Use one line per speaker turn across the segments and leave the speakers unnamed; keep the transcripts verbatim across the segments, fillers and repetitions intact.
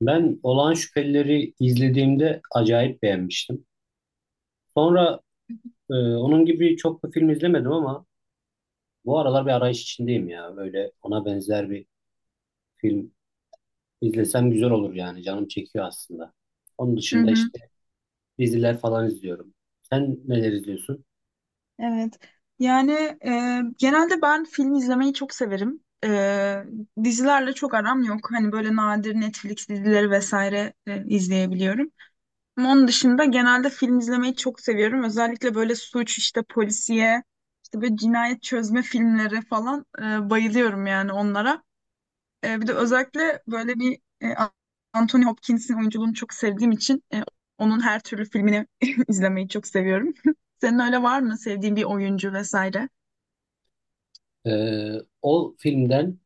Ben Olağan Şüphelileri izlediğimde acayip beğenmiştim. Sonra e, onun gibi çok da film izlemedim ama bu aralar bir arayış içindeyim ya. Böyle ona benzer bir film izlesem güzel olur yani. Canım çekiyor aslında. Onun
Hı
dışında
hı,
işte diziler falan izliyorum. Sen neler izliyorsun?
evet. Yani e, genelde ben film izlemeyi çok severim. E, dizilerle çok aram yok. Hani böyle nadir Netflix dizileri vesaire e, izleyebiliyorum. Ama onun dışında genelde film izlemeyi çok seviyorum. Özellikle böyle suç, işte polisiye, işte böyle cinayet çözme filmleri falan e, bayılıyorum yani onlara. E, bir de
Hmm.
özellikle böyle bir e, Anthony Hopkins'in oyunculuğunu çok sevdiğim için e, onun her türlü filmini izlemeyi çok seviyorum. Senin öyle var mı sevdiğin bir oyuncu vesaire?
E, O filmden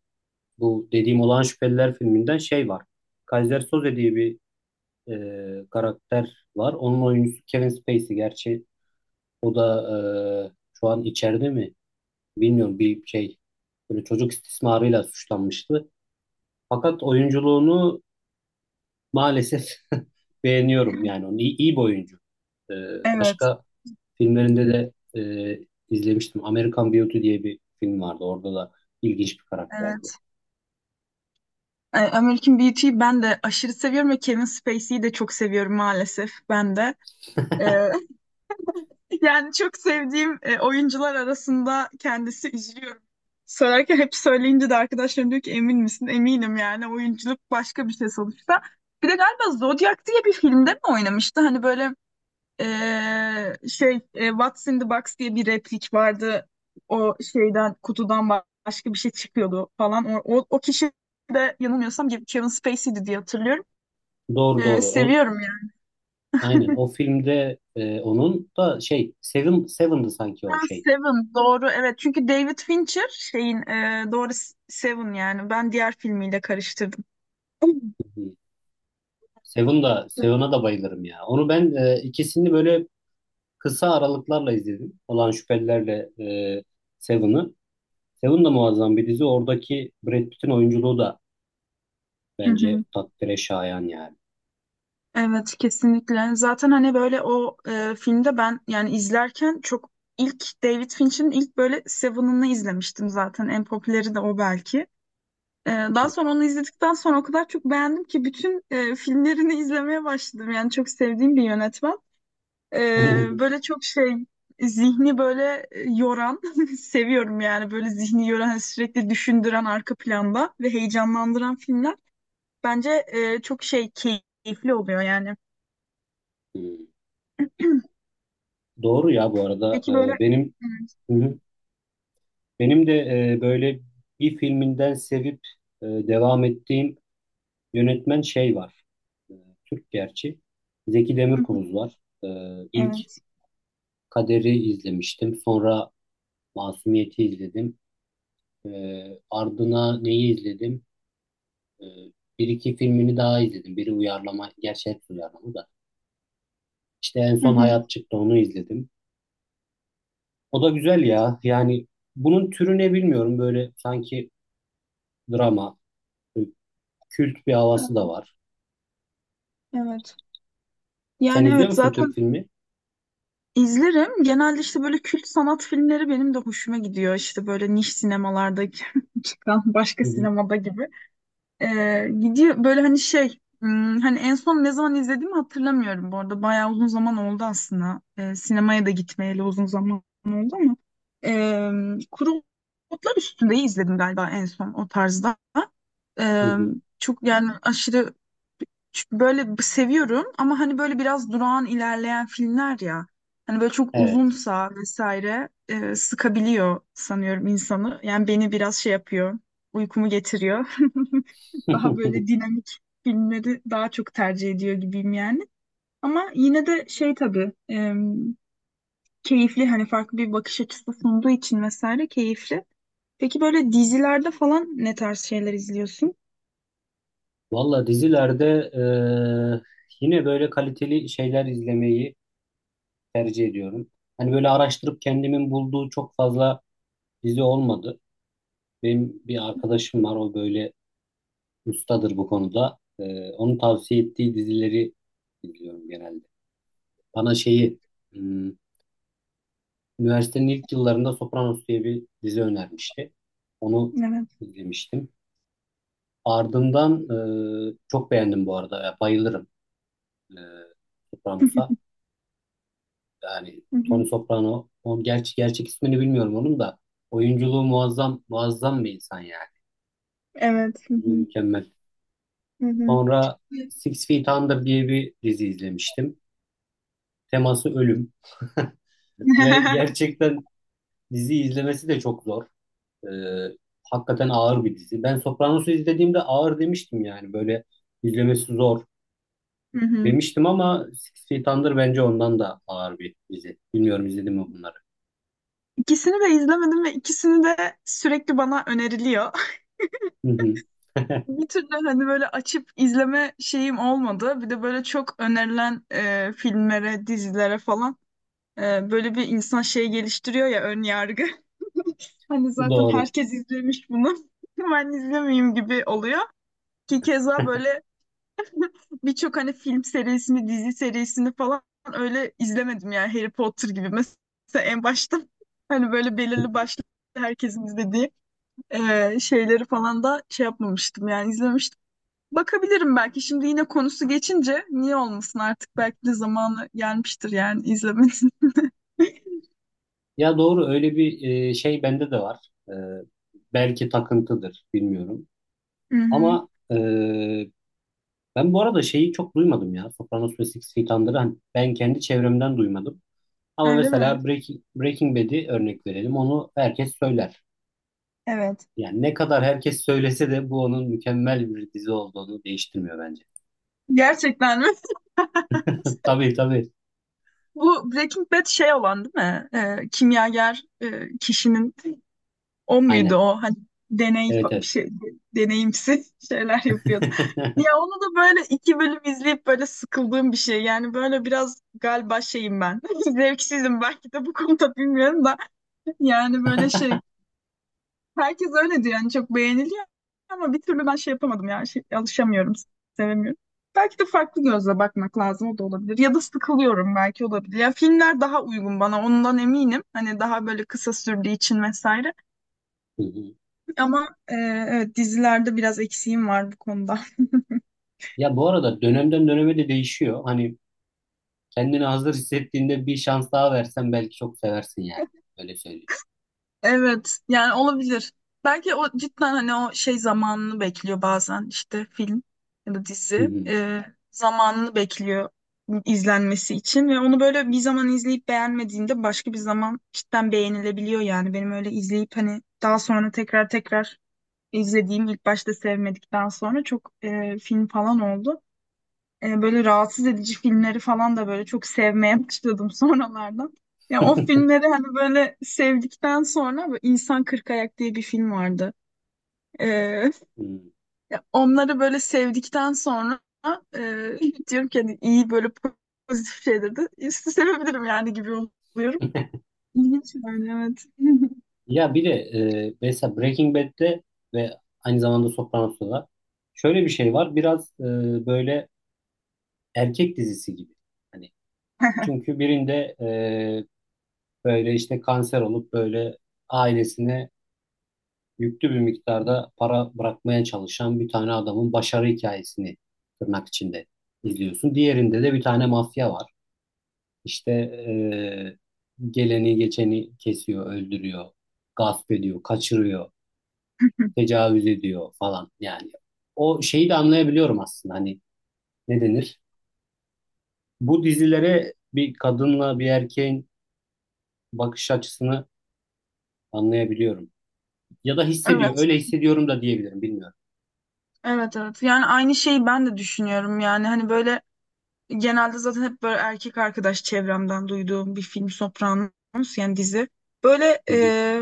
bu dediğim Olağan Şüpheliler filminden şey var. Kaiser Soze diye bir e, karakter var. Onun oyuncusu Kevin Spacey. Gerçi O da e, şu an içeride mi? Bilmiyorum bir şey, böyle çocuk istismarıyla suçlanmıştı. Fakat oyunculuğunu maalesef beğeniyorum yani, onu iyi, iyi bir oyuncu. E,
Evet.
Başka
Hı
filmlerinde
hı.
de e, izlemiştim. American Beauty diye bir film vardı. Orada da ilginç bir karakterdi.
Evet. E, American Beauty'yi ben de aşırı seviyorum ve Kevin Spacey'yi de çok seviyorum maalesef ben de. E, Yani çok sevdiğim e, oyuncular arasında kendisi üzülüyorum. Söylerken hep söyleyince de arkadaşlarım diyor ki emin misin? Eminim yani oyunculuk başka bir şey sonuçta. Bir de galiba Zodiac diye bir filmde mi oynamıştı? Hani böyle e, şey e, What's in the Box diye bir replik vardı. O şeyden kutudan ba- başka bir şey çıkıyordu falan. O, o, o kişi de yanılmıyorsam Kevin Spacey'di diye hatırlıyorum.
Doğru
E,
doğru. O,
seviyorum
aynen o filmde e, onun da şey Seven Seven'dı sanki
Ha,
o şey.
Seven doğru evet çünkü David Fincher şeyin e, doğru Seven yani ben diğer filmiyle karıştırdım.
Seven da, Seven'a da bayılırım ya. Onu ben, e, ikisini böyle kısa aralıklarla izledim. Olan Şüphelilerle e, Seven'ı. Seven da muazzam bir dizi. Oradaki Brad Pitt'in oyunculuğu da
Hı
bence
hı.
takdire şayan yani.
Evet kesinlikle, zaten hani böyle o e, filmde ben yani izlerken çok ilk David Fincher'ın ilk böyle Seven'ını izlemiştim, zaten en popüleri de o belki. E, daha sonra onu izledikten sonra o kadar çok beğendim ki bütün e, filmlerini izlemeye başladım yani çok sevdiğim bir yönetmen. Ee, böyle çok şey zihni böyle e, yoran seviyorum yani böyle zihni yoran hani sürekli düşündüren arka planda ve heyecanlandıran filmler bence e, çok şey keyifli oluyor yani.
Doğru ya bu arada.
Peki böyle.
E, benim
Evet.
Hı hı. Benim de e, böyle bir filminden sevip e, devam ettiğim yönetmen şey var. E, Türk gerçi. Zeki
Hı hı.
Demirkubuz var. E, ilk
Evet.
Kader'i izlemiştim. Sonra Masumiyet'i izledim. Ee, ardına neyi izledim? Ee, Bir iki filmini daha izledim. Biri uyarlama, gerçi hepsi uyarlama da. İşte en
Hı
son
hı.
Hayat çıktı, onu izledim. O da güzel ya. Yani bunun türü ne bilmiyorum. Böyle sanki drama, kült bir havası da var.
Evet.
Sen
Yani
izliyor
evet,
musun Türk
zaten
filmi?
izlerim. Genelde işte böyle kült sanat filmleri benim de hoşuma gidiyor. İşte böyle niş sinemalardaki çıkan başka
Hı hı.
sinemada gibi. Ee, gidiyor böyle hani şey, hmm, hani en son ne zaman izlediğimi hatırlamıyorum bu arada, bayağı uzun zaman oldu aslında. Ee, sinemaya da gitmeyeli uzun zaman oldu ama ee, Kuru Otlar Üstünde'yi izledim galiba en son o tarzda.
Hı
Ee,
hı.
Çok yani, aşırı çünkü böyle b- seviyorum, ama hani böyle biraz durağan ilerleyen filmler ya. Hani böyle çok
Evet.
uzunsa vesaire e, sıkabiliyor sanıyorum insanı. Yani beni biraz şey yapıyor, uykumu getiriyor. Daha böyle dinamik filmleri daha çok tercih ediyor gibiyim yani. Ama yine de şey tabii e, keyifli, hani farklı bir bakış açısı sunduğu için vesaire keyifli. Peki böyle dizilerde falan ne tarz şeyler izliyorsun?
Valla dizilerde eee, yine böyle kaliteli şeyler izlemeyi tercih ediyorum. Hani böyle araştırıp kendimin bulduğu çok fazla dizi olmadı. Benim bir arkadaşım var, o böyle ustadır bu konuda. Ee, onun tavsiye ettiği dizileri izliyorum genelde. Bana şeyi, hmm, üniversitenin ilk yıllarında Sopranos diye bir dizi önermişti. Onu
Evet.
izlemiştim. Ardından, e, çok beğendim bu arada. Ya, bayılırım e, Sopranos'a. Yani
Hı hı.
Tony Soprano, onun gerçi gerçek ismini bilmiyorum onun da. Oyunculuğu muazzam, muazzam bir insan yani.
Evet. Hı
Oyunculuğu
hı.
Mükemmel.
Hı hı.
Sonra Six Feet Under diye bir dizi izlemiştim. Teması ölüm. Ve gerçekten dizi izlemesi de çok zor. Ee, Hakikaten ağır bir dizi. Ben Sopranos'u izlediğimde ağır demiştim, yani böyle izlemesi zor
Hı hı.
demiştim, ama Six Feet Under bence ondan da ağır bir dizi. Bilmiyorum izledim mi bunları.
İkisini de izlemedim ve ikisini de sürekli bana öneriliyor.
Hı hı.
Bir türlü hani böyle açıp izleme şeyim olmadı. Bir de böyle çok önerilen e, filmlere, dizilere falan, Ee, böyle bir insan şey geliştiriyor ya, ön yargı. Hani zaten
Doğru.
herkes izlemiş bunu. Ben izlemeyeyim gibi oluyor. Ki keza böyle birçok hani film serisini, dizi serisini falan öyle izlemedim yani, Harry Potter gibi. Mesela en başta hani böyle belirli başlı herkesin izlediği e, şeyleri falan da şey yapmamıştım yani, izlemiştim. Bakabilirim belki şimdi, yine konusu geçince niye olmasın, artık belki de zamanı gelmiştir yani, izlemesin.
Ya doğru, öyle bir e, şey bende de var. E, belki takıntıdır bilmiyorum.
Hı hı.
Ama e, ben bu arada şeyi çok duymadım ya. Sopranos ve Six Feet Under'ı hani ben kendi çevremden duymadım. Ama
Öyle mi?
mesela Breaking, Breaking Bad'i örnek verelim. Onu herkes söyler.
Evet.
Yani ne kadar herkes söylese de bu onun mükemmel bir dizi olduğunu değiştirmiyor bence.
Gerçekten mi?
Tabii tabii.
Bu Breaking Bad şey olan değil mi? Ee, kimyager e, kişinin o muydu
Aynen.
o, hani deney
Evet
fa- bir
evet.
şey deneyimsi şeyler yapıyordu. Ya onu da böyle iki bölüm izleyip böyle sıkıldığım bir şey. Yani böyle biraz galiba şeyim ben. Zevksizim belki de bu konuda, bilmiyorum da. Yani böyle şey, herkes öyle diyor yani, çok beğeniliyor ama bir türlü ben şey yapamadım yani, şey, alışamıyorum, sevemiyorum. Belki de farklı gözle bakmak lazım, o da olabilir. Ya da sıkılıyorum belki, olabilir. Ya filmler daha uygun bana ondan eminim. Hani daha böyle kısa sürdüğü için vesaire.
Hı hı.
Ama e, evet, dizilerde biraz eksiğim var bu konuda.
Ya bu arada dönemden döneme de değişiyor. Hani kendini hazır hissettiğinde bir şans daha versen belki çok seversin yani. Öyle söyleyeyim.
Evet yani, olabilir. Belki o cidden hani o şey zamanını bekliyor, bazen işte film ya da
Hı
dizi
hı.
e, zamanını bekliyor izlenmesi için, ve onu böyle bir zaman izleyip beğenmediğinde başka bir zaman cidden beğenilebiliyor yani. Benim öyle izleyip hani daha sonra tekrar tekrar izlediğim, ilk başta sevmedikten sonra çok e, film falan oldu. E, böyle rahatsız edici filmleri falan da böyle çok sevmeye başladım sonralardan. Ya o filmleri hani böyle sevdikten sonra, böyle İnsan Kırk Ayak diye bir film vardı. E,
Hı.
Ya onları böyle sevdikten sonra e, diyorum ki hani iyi böyle pozitif şeyleri de iste- sevebilirim yani gibi oluyorum. İlginç yani, evet.
Ya bir de e, mesela Breaking Bad'de ve aynı zamanda Sopranos'ta da şöyle bir şey var. Biraz e, böyle erkek dizisi gibi. Hani Çünkü birinde e, böyle işte kanser olup böyle ailesine yüklü bir miktarda para bırakmaya çalışan bir tane adamın başarı hikayesini, tırnak içinde, izliyorsun. Diğerinde de bir tane mafya var. İşte e, geleni geçeni kesiyor, öldürüyor, gasp ediyor, kaçırıyor, tecavüz ediyor falan yani. O şeyi de anlayabiliyorum aslında. Hani ne denir? Bu dizilere bir kadınla bir erkeğin bakış açısını anlayabiliyorum. Ya da hissediyor.
Evet,
Öyle hissediyorum da diyebilirim. Bilmiyorum.
evet, evet. Yani aynı şeyi ben de düşünüyorum. Yani hani böyle genelde zaten hep böyle erkek arkadaş çevremden duyduğum bir film Sopranos, yani dizi. Böyle
Hı hı,
e,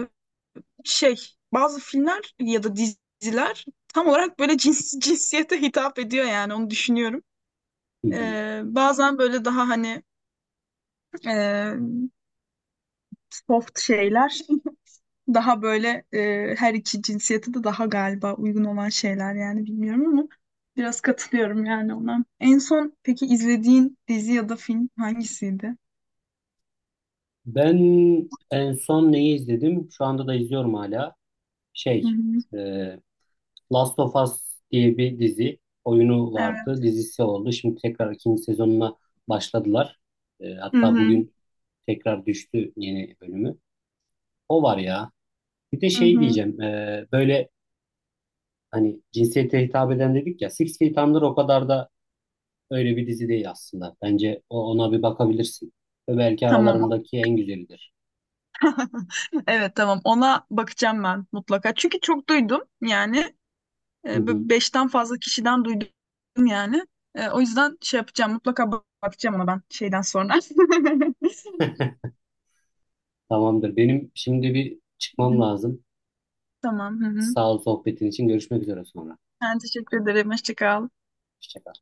şey, bazı filmler ya da diziler tam olarak böyle cins, cinsiyete hitap ediyor yani, onu düşünüyorum.
hı hı.
E, bazen böyle daha hani e, soft şeyler daha böyle e, her iki cinsiyete de daha galiba uygun olan şeyler yani, bilmiyorum ama biraz katılıyorum yani ona. En son peki izlediğin dizi ya da film hangisiydi?
Ben en son neyi izledim? Şu anda da izliyorum hala.
Hı
Şey,
hı.
e, Last of Us diye bir dizi, oyunu
Evet.
vardı. Dizisi oldu. Şimdi tekrar ikinci sezonuna başladılar. E,
Hı
hatta
hı,
bugün tekrar düştü yeni bölümü. O var ya. Bir de
hı
şey
hı.
diyeceğim, e, böyle hani cinsiyete hitap eden dedik ya. Six Feet Under o kadar da Öyle bir dizi değil aslında. Bence o, ona bir bakabilirsin. Ve belki
Tamam.
aralarındaki en güzelidir.
Evet tamam. Ona bakacağım ben mutlaka. Çünkü çok duydum yani.
Hı
E, bu
hı.
beşten fazla kişiden duydum yani. E, o yüzden şey yapacağım. Mutlaka bak- bakacağım ona ben şeyden sonra.
Tamamdır. Benim şimdi bir çıkmam lazım.
Tamam. Hı hı.
Sağ ol sohbetin için. Görüşmek üzere sonra.
Ben teşekkür ederim. Hoşça kal.
Hoşça kal.